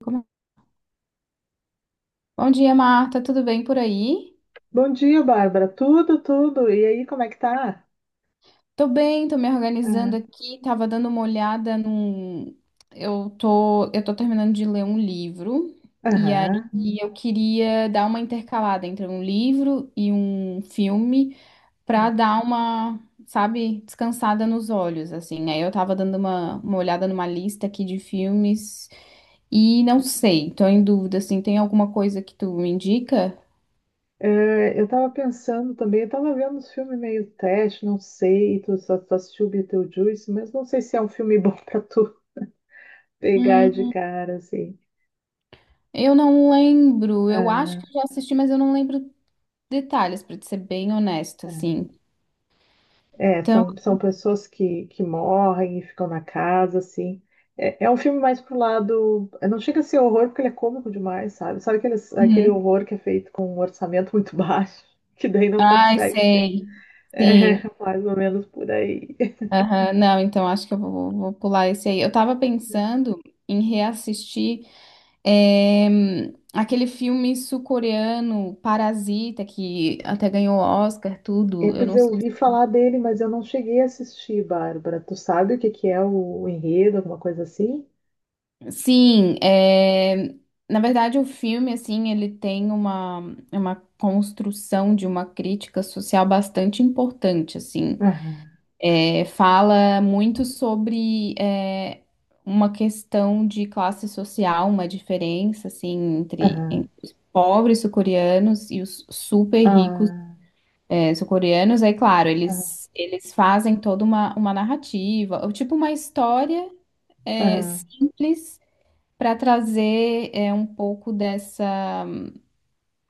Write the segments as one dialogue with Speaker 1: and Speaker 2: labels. Speaker 1: Como- Bom dia, Marta. Tudo bem por aí?
Speaker 2: Bom dia, Bárbara. Tudo, tudo. E aí, como é que tá?
Speaker 1: Tô bem, tô me organizando
Speaker 2: Ah.
Speaker 1: aqui. Tava dando uma olhada num. Eu tô terminando de ler um livro. E aí
Speaker 2: Aham.
Speaker 1: eu queria dar uma intercalada entre um livro e um filme pra dar uma, sabe, descansada nos olhos, assim. Aí eu tava dando uma olhada numa lista aqui de filmes e não sei, tô em dúvida, assim. Tem alguma coisa que tu me indica?
Speaker 2: É, eu tava pensando também, eu tava vendo uns filmes meio teste, não sei, tu assistiu Beetlejuice, mas não sei se é um filme bom pra tu pegar de cara, assim.
Speaker 1: Eu não lembro. Eu acho
Speaker 2: Ah,
Speaker 1: que eu já assisti, mas eu não lembro detalhes, pra te ser bem honesta,
Speaker 2: é.
Speaker 1: assim.
Speaker 2: É,
Speaker 1: Então,
Speaker 2: são, são pessoas que morrem e ficam na casa, assim. É um filme mais pro lado. Não chega a ser horror porque ele é cômico demais, sabe? Sabe aquele
Speaker 1: uhum.
Speaker 2: horror que é feito com um orçamento muito baixo, que daí não
Speaker 1: Ai,
Speaker 2: consegue ser.
Speaker 1: sei.
Speaker 2: É,
Speaker 1: Sim.
Speaker 2: mais ou menos por aí.
Speaker 1: Aham. Não, então acho que eu vou pular esse aí. Eu tava pensando em reassistir aquele filme sul-coreano, Parasita, que até ganhou Oscar,
Speaker 2: É,
Speaker 1: tudo. Eu
Speaker 2: pois
Speaker 1: não
Speaker 2: eu
Speaker 1: sei.
Speaker 2: ouvi falar dele, mas eu não cheguei a assistir, Bárbara. Tu sabe o que que é o enredo, alguma coisa assim?
Speaker 1: Sim, é... Na verdade o filme, assim, ele tem uma construção de uma crítica social bastante importante, assim.
Speaker 2: Aham,
Speaker 1: É, fala muito sobre uma questão de classe social, uma diferença, assim, entre,
Speaker 2: aham,
Speaker 1: entre os pobres sul-coreanos e os super ricos
Speaker 2: ah,
Speaker 1: sul-coreanos. Aí, claro,
Speaker 2: ah,
Speaker 1: eles fazem toda uma narrativa, ou tipo uma história
Speaker 2: aham.
Speaker 1: simples para trazer um pouco dessa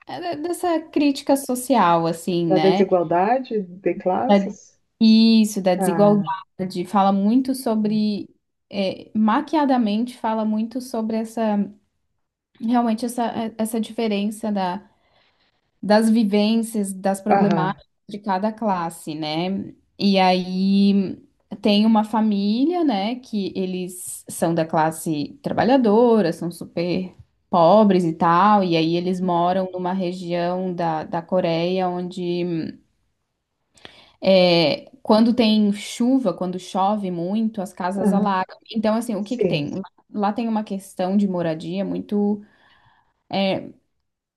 Speaker 1: dessa crítica social, assim,
Speaker 2: Da
Speaker 1: né?
Speaker 2: desigualdade de
Speaker 1: Da-
Speaker 2: classes?
Speaker 1: Isso, da
Speaker 2: Ah,
Speaker 1: desigualdade. Fala muito
Speaker 2: ah,
Speaker 1: sobre maquiadamente fala muito sobre essa realmente essa, essa diferença das vivências, das
Speaker 2: aham,
Speaker 1: problemáticas de cada classe, né? E aí tem uma família, né, que eles são da classe trabalhadora, são super pobres e tal, e aí eles moram numa região da, da Coreia onde quando tem chuva, quando chove muito, as casas
Speaker 2: aham.
Speaker 1: alagam. Então, assim, o que que tem?
Speaker 2: Sim.
Speaker 1: Lá tem uma questão de moradia muito,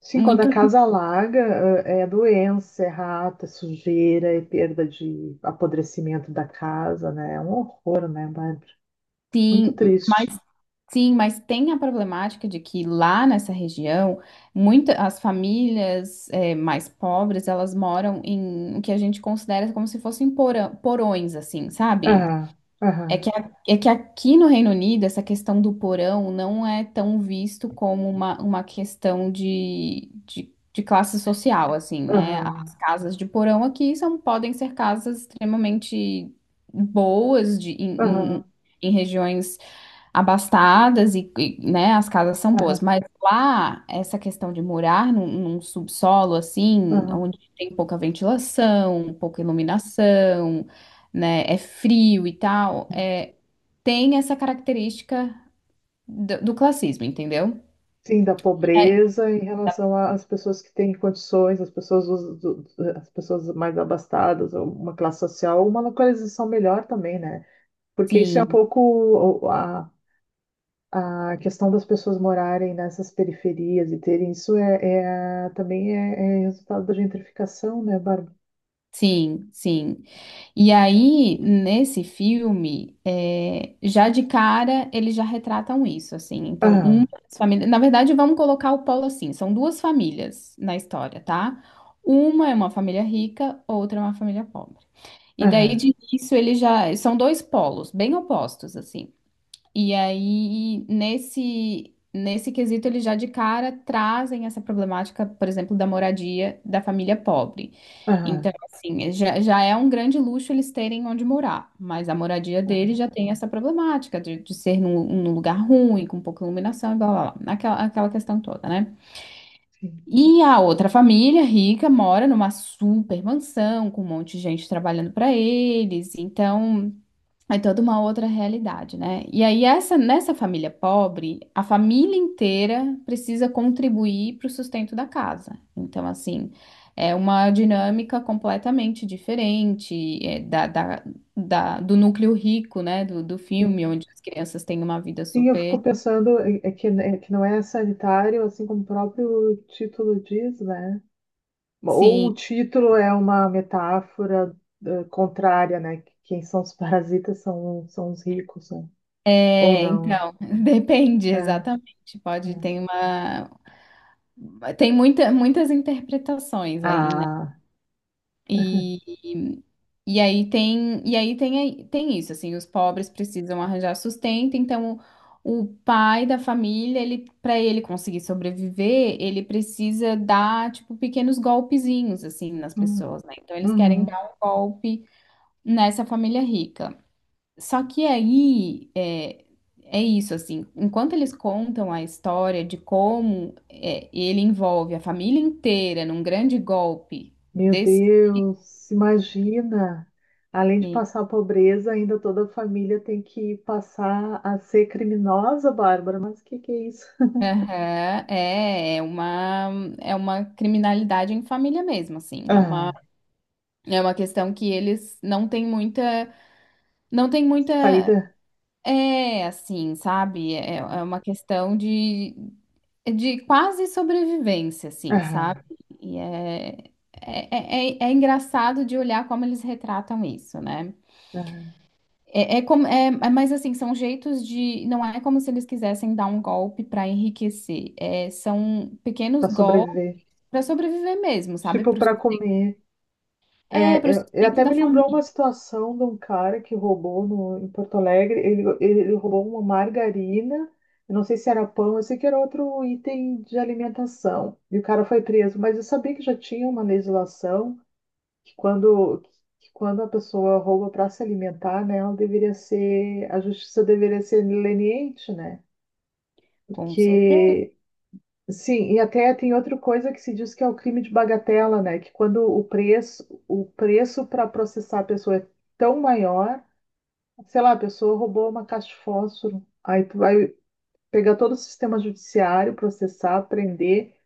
Speaker 2: Sim, quando a
Speaker 1: muito,
Speaker 2: casa alaga, eh, é doença, é rato, é sujeira, é perda de apodrecimento da casa, né? É um horror, né, Bárbara? Muito
Speaker 1: sim,
Speaker 2: triste.
Speaker 1: mais. Sim, mas tem a problemática de que lá nessa região, muita, as famílias mais pobres, elas moram em o que a gente considera como se fossem porão- porões, assim, sabe?
Speaker 2: Aham,
Speaker 1: É que,
Speaker 2: aham.
Speaker 1: a- é que aqui no Reino Unido, essa questão do porão não é tão visto como uma questão de classe social, assim, né?
Speaker 2: Aham,
Speaker 1: As casas de porão aqui são, podem ser casas extremamente boas de, em
Speaker 2: aham,
Speaker 1: em- em regiões abastadas e, né, as casas são boas,
Speaker 2: aham,
Speaker 1: mas lá essa questão de morar num, num subsolo assim,
Speaker 2: aham.
Speaker 1: onde tem pouca ventilação, pouca iluminação, né, é frio e tal, é, tem essa característica do, do classismo, entendeu?
Speaker 2: Sim, da
Speaker 1: É,
Speaker 2: pobreza em relação às pessoas que têm condições, as pessoas, as pessoas mais abastadas, ou uma classe social, uma localização melhor também, né? Porque isso é um
Speaker 1: sim,
Speaker 2: pouco o- a, a questão das pessoas morarem nessas periferias e terem isso também é resultado da gentrificação, né, Bárbara?
Speaker 1: sim, sim. E aí, nesse filme, é, já de cara, eles já retratam isso, assim. Então, uma
Speaker 2: Aham,
Speaker 1: das famílias. Na verdade, vamos colocar o polo assim: são duas famílias na história, tá? Uma é uma família rica, outra é uma família pobre. E
Speaker 2: aham,
Speaker 1: daí, de início, eles já. São dois polos, bem opostos, assim. E aí, nesse, nesse quesito, eles já de cara trazem essa problemática, por exemplo, da moradia da família pobre.
Speaker 2: aham,
Speaker 1: Então, assim, já, já é um grande luxo eles terem onde morar, mas a moradia
Speaker 2: aham,
Speaker 1: deles já tem essa problemática de ser num, num lugar ruim, com pouca iluminação e blá blá blá, aquela, aquela questão toda, né?
Speaker 2: sim.
Speaker 1: E a outra família rica mora numa super mansão, com um monte de gente trabalhando para eles, então. É toda uma outra realidade, né? E aí, essa, nessa família pobre, a família inteira precisa contribuir para o sustento da casa. Então, assim, é uma dinâmica completamente diferente é, do núcleo rico, né? Do, do filme, onde as crianças têm uma vida
Speaker 2: Sim, eu
Speaker 1: super.
Speaker 2: fico pensando é que, né, é que não é sanitário, assim como o próprio título diz, né? Ou
Speaker 1: Sim.
Speaker 2: o título é uma metáfora eh, contrária, né? Quem são os parasitas são os ricos, né? Ou
Speaker 1: É,
Speaker 2: não.
Speaker 1: então, depende
Speaker 2: É,
Speaker 1: exatamente. Pode ter
Speaker 2: é.
Speaker 1: uma. Tem muita, muitas interpretações aí, né?
Speaker 2: Ah,
Speaker 1: E aí tem, e aí tem, Tem isso, assim, os pobres precisam arranjar sustento, então o pai da família, ele, para ele conseguir sobreviver, ele precisa dar, tipo, pequenos golpezinhos, assim, nas
Speaker 2: hum,
Speaker 1: pessoas, né? Então eles querem
Speaker 2: uhum.
Speaker 1: dar um golpe nessa família rica. Só que aí é, é isso, assim, enquanto eles contam a história de como é, ele envolve a família inteira num grande golpe
Speaker 2: Meu
Speaker 1: desse.
Speaker 2: Deus, imagina! Além de passar a pobreza, ainda toda a família tem que passar a ser criminosa, Bárbara. Mas o que que é isso?
Speaker 1: Aham, é, é uma criminalidade em família mesmo, assim,
Speaker 2: Ah,
Speaker 1: é uma questão que eles não têm muita, não tem muita,
Speaker 2: saída.
Speaker 1: é, assim, sabe, é, é uma questão de quase sobrevivência, assim, sabe,
Speaker 2: Ah.
Speaker 1: e é, é engraçado de olhar como eles retratam isso, né,
Speaker 2: É,
Speaker 1: é, é como, mas assim, são jeitos de, não é como se eles quisessem dar um golpe para enriquecer, é, são pequenos
Speaker 2: para
Speaker 1: golpes.
Speaker 2: sobreviver.
Speaker 1: Para sobreviver mesmo, sabe?
Speaker 2: Tipo,
Speaker 1: Pro, sus-
Speaker 2: para comer.
Speaker 1: é, para
Speaker 2: É,
Speaker 1: o
Speaker 2: é,
Speaker 1: sustento
Speaker 2: até
Speaker 1: da
Speaker 2: me lembrou
Speaker 1: família.
Speaker 2: uma situação de um cara que roubou no, em Porto Alegre. Ele roubou uma margarina. Eu não sei se era pão, eu sei que era outro item de alimentação. E o cara foi preso. Mas eu sabia que já tinha uma legislação que quando, que quando a pessoa rouba para se alimentar, né, ela deveria ser, a justiça deveria ser leniente, né?
Speaker 1: Com certeza.
Speaker 2: Porque. Sim, e até tem outra coisa que se diz que é o crime de bagatela, né? Que quando o preço para processar a pessoa é tão maior, sei lá, a pessoa roubou uma caixa de fósforo, aí tu vai pegar todo o sistema judiciário, processar, prender,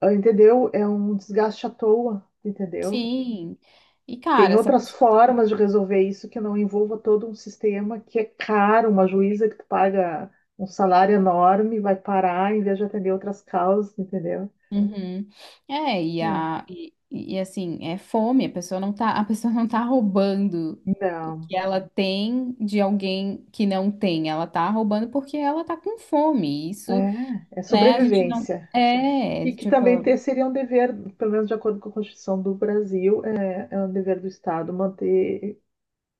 Speaker 2: ah, entendeu? É um desgaste à toa, entendeu?
Speaker 1: Sim. E,
Speaker 2: Tem
Speaker 1: cara, essa
Speaker 2: outras
Speaker 1: pessoa.
Speaker 2: formas de resolver isso que não envolva todo um sistema que é caro, uma juíza que tu paga um salário enorme, vai parar em vez de atender outras causas, entendeu?
Speaker 1: Uhum. É, e,
Speaker 2: É.
Speaker 1: a, e, e assim, é fome, a pessoa não tá, a pessoa não tá roubando o
Speaker 2: Não.
Speaker 1: que ela tem de alguém que não tem. Ela tá roubando porque ela tá com fome. Isso,
Speaker 2: É, é
Speaker 1: né, a gente não.
Speaker 2: sobrevivência.
Speaker 1: É,
Speaker 2: E que
Speaker 1: tipo,
Speaker 2: também seria um dever, pelo menos de acordo com a Constituição do Brasil, é um dever do Estado manter,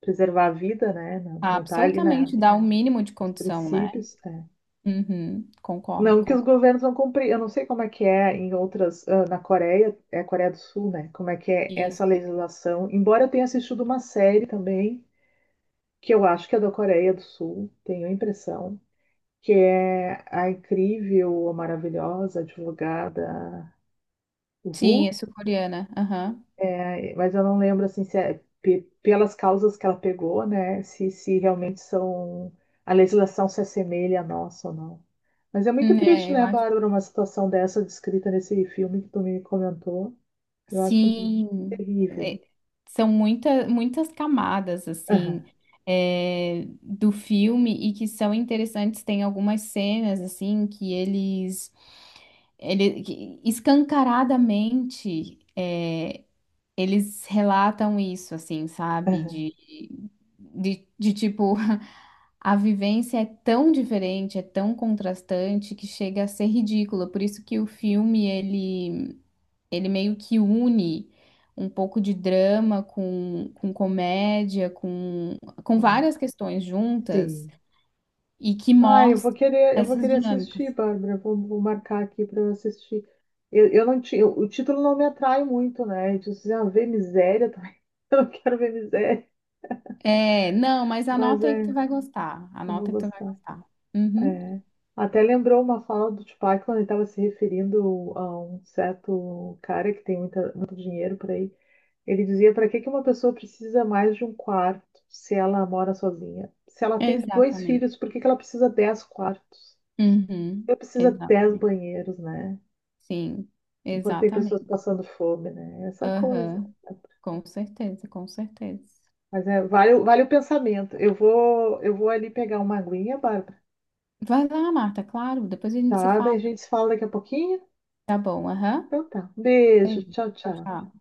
Speaker 2: preservar a vida, né? Não, não tá ali
Speaker 1: absolutamente dá o mínimo de
Speaker 2: nos
Speaker 1: condição, né?
Speaker 2: princípios. É.
Speaker 1: Uhum, concordo,
Speaker 2: Não que os
Speaker 1: concordo.
Speaker 2: governos vão cumprir. Eu não sei como é que é em outras, ah, na Coreia, é a Coreia do Sul, né? Como é que é
Speaker 1: Isso.
Speaker 2: essa legislação. Embora eu tenha assistido uma série também, que eu acho que é da Coreia do Sul, tenho a impressão, que é a incrível, a maravilhosa advogada
Speaker 1: Sim, é
Speaker 2: Vu.
Speaker 1: sul-coreana. Aham.
Speaker 2: É, mas eu não lembro assim se é pelas causas que ela pegou, né? Se realmente são a legislação se assemelha à nossa ou não. Mas é muito triste,
Speaker 1: É, eu
Speaker 2: né,
Speaker 1: acho.
Speaker 2: Bárbara, uma situação dessa descrita nesse filme que tu me comentou. Eu acho
Speaker 1: Sim,
Speaker 2: terrível.
Speaker 1: é, são muita, muitas camadas assim
Speaker 2: Aham,
Speaker 1: do filme e que são interessantes. Tem algumas cenas assim que eles, ele, que escancaradamente é, eles relatam isso, assim, sabe?
Speaker 2: aham,
Speaker 1: De, de tipo a vivência é tão diferente, é tão contrastante que chega a ser ridícula. Por isso que o filme ele. Ele meio que une um pouco de drama com comédia, com
Speaker 2: ó,
Speaker 1: várias questões juntas
Speaker 2: sim.
Speaker 1: e que
Speaker 2: Ah, eu vou
Speaker 1: mostra
Speaker 2: querer, eu vou
Speaker 1: essas
Speaker 2: querer assistir,
Speaker 1: dinâmicas.
Speaker 2: Bárbara. Vou marcar aqui para eu assistir. Eu não tinha, o título não me atrai muito, né? Eu disse, ah, ver miséria também. Eu não quero ver miséria,
Speaker 1: É, não, mas
Speaker 2: mas
Speaker 1: anota aí que tu
Speaker 2: é,
Speaker 1: vai gostar.
Speaker 2: eu vou
Speaker 1: Anota que tu vai
Speaker 2: gostar.
Speaker 1: gostar. Uhum,
Speaker 2: É. Até lembrou uma fala do Tupac quando ele estava se referindo a um certo cara que tem muito dinheiro por aí. Ele dizia: para que que uma pessoa precisa mais de um quarto se ela mora sozinha? Se ela tem dois
Speaker 1: exatamente.
Speaker 2: filhos, por que que ela precisa 10 quartos?
Speaker 1: Uhum,
Speaker 2: Ela precisa dez
Speaker 1: exatamente.
Speaker 2: banheiros, né?
Speaker 1: Sim,
Speaker 2: Enquanto tem pessoas
Speaker 1: exatamente.
Speaker 2: passando fome, né? Essa coisa.
Speaker 1: Aham, com certeza, com certeza.
Speaker 2: Mas é, vale, vale o pensamento. Eu vou ali pegar uma aguinha, Bárbara.
Speaker 1: Vai lá, Marta, claro, depois a gente se
Speaker 2: Tá? Daí a
Speaker 1: fala.
Speaker 2: gente se fala daqui a pouquinho.
Speaker 1: Tá bom, aham.
Speaker 2: Então tá. Um beijo.
Speaker 1: Beijo,
Speaker 2: Tchau,
Speaker 1: tchau,
Speaker 2: tchau.
Speaker 1: tchau.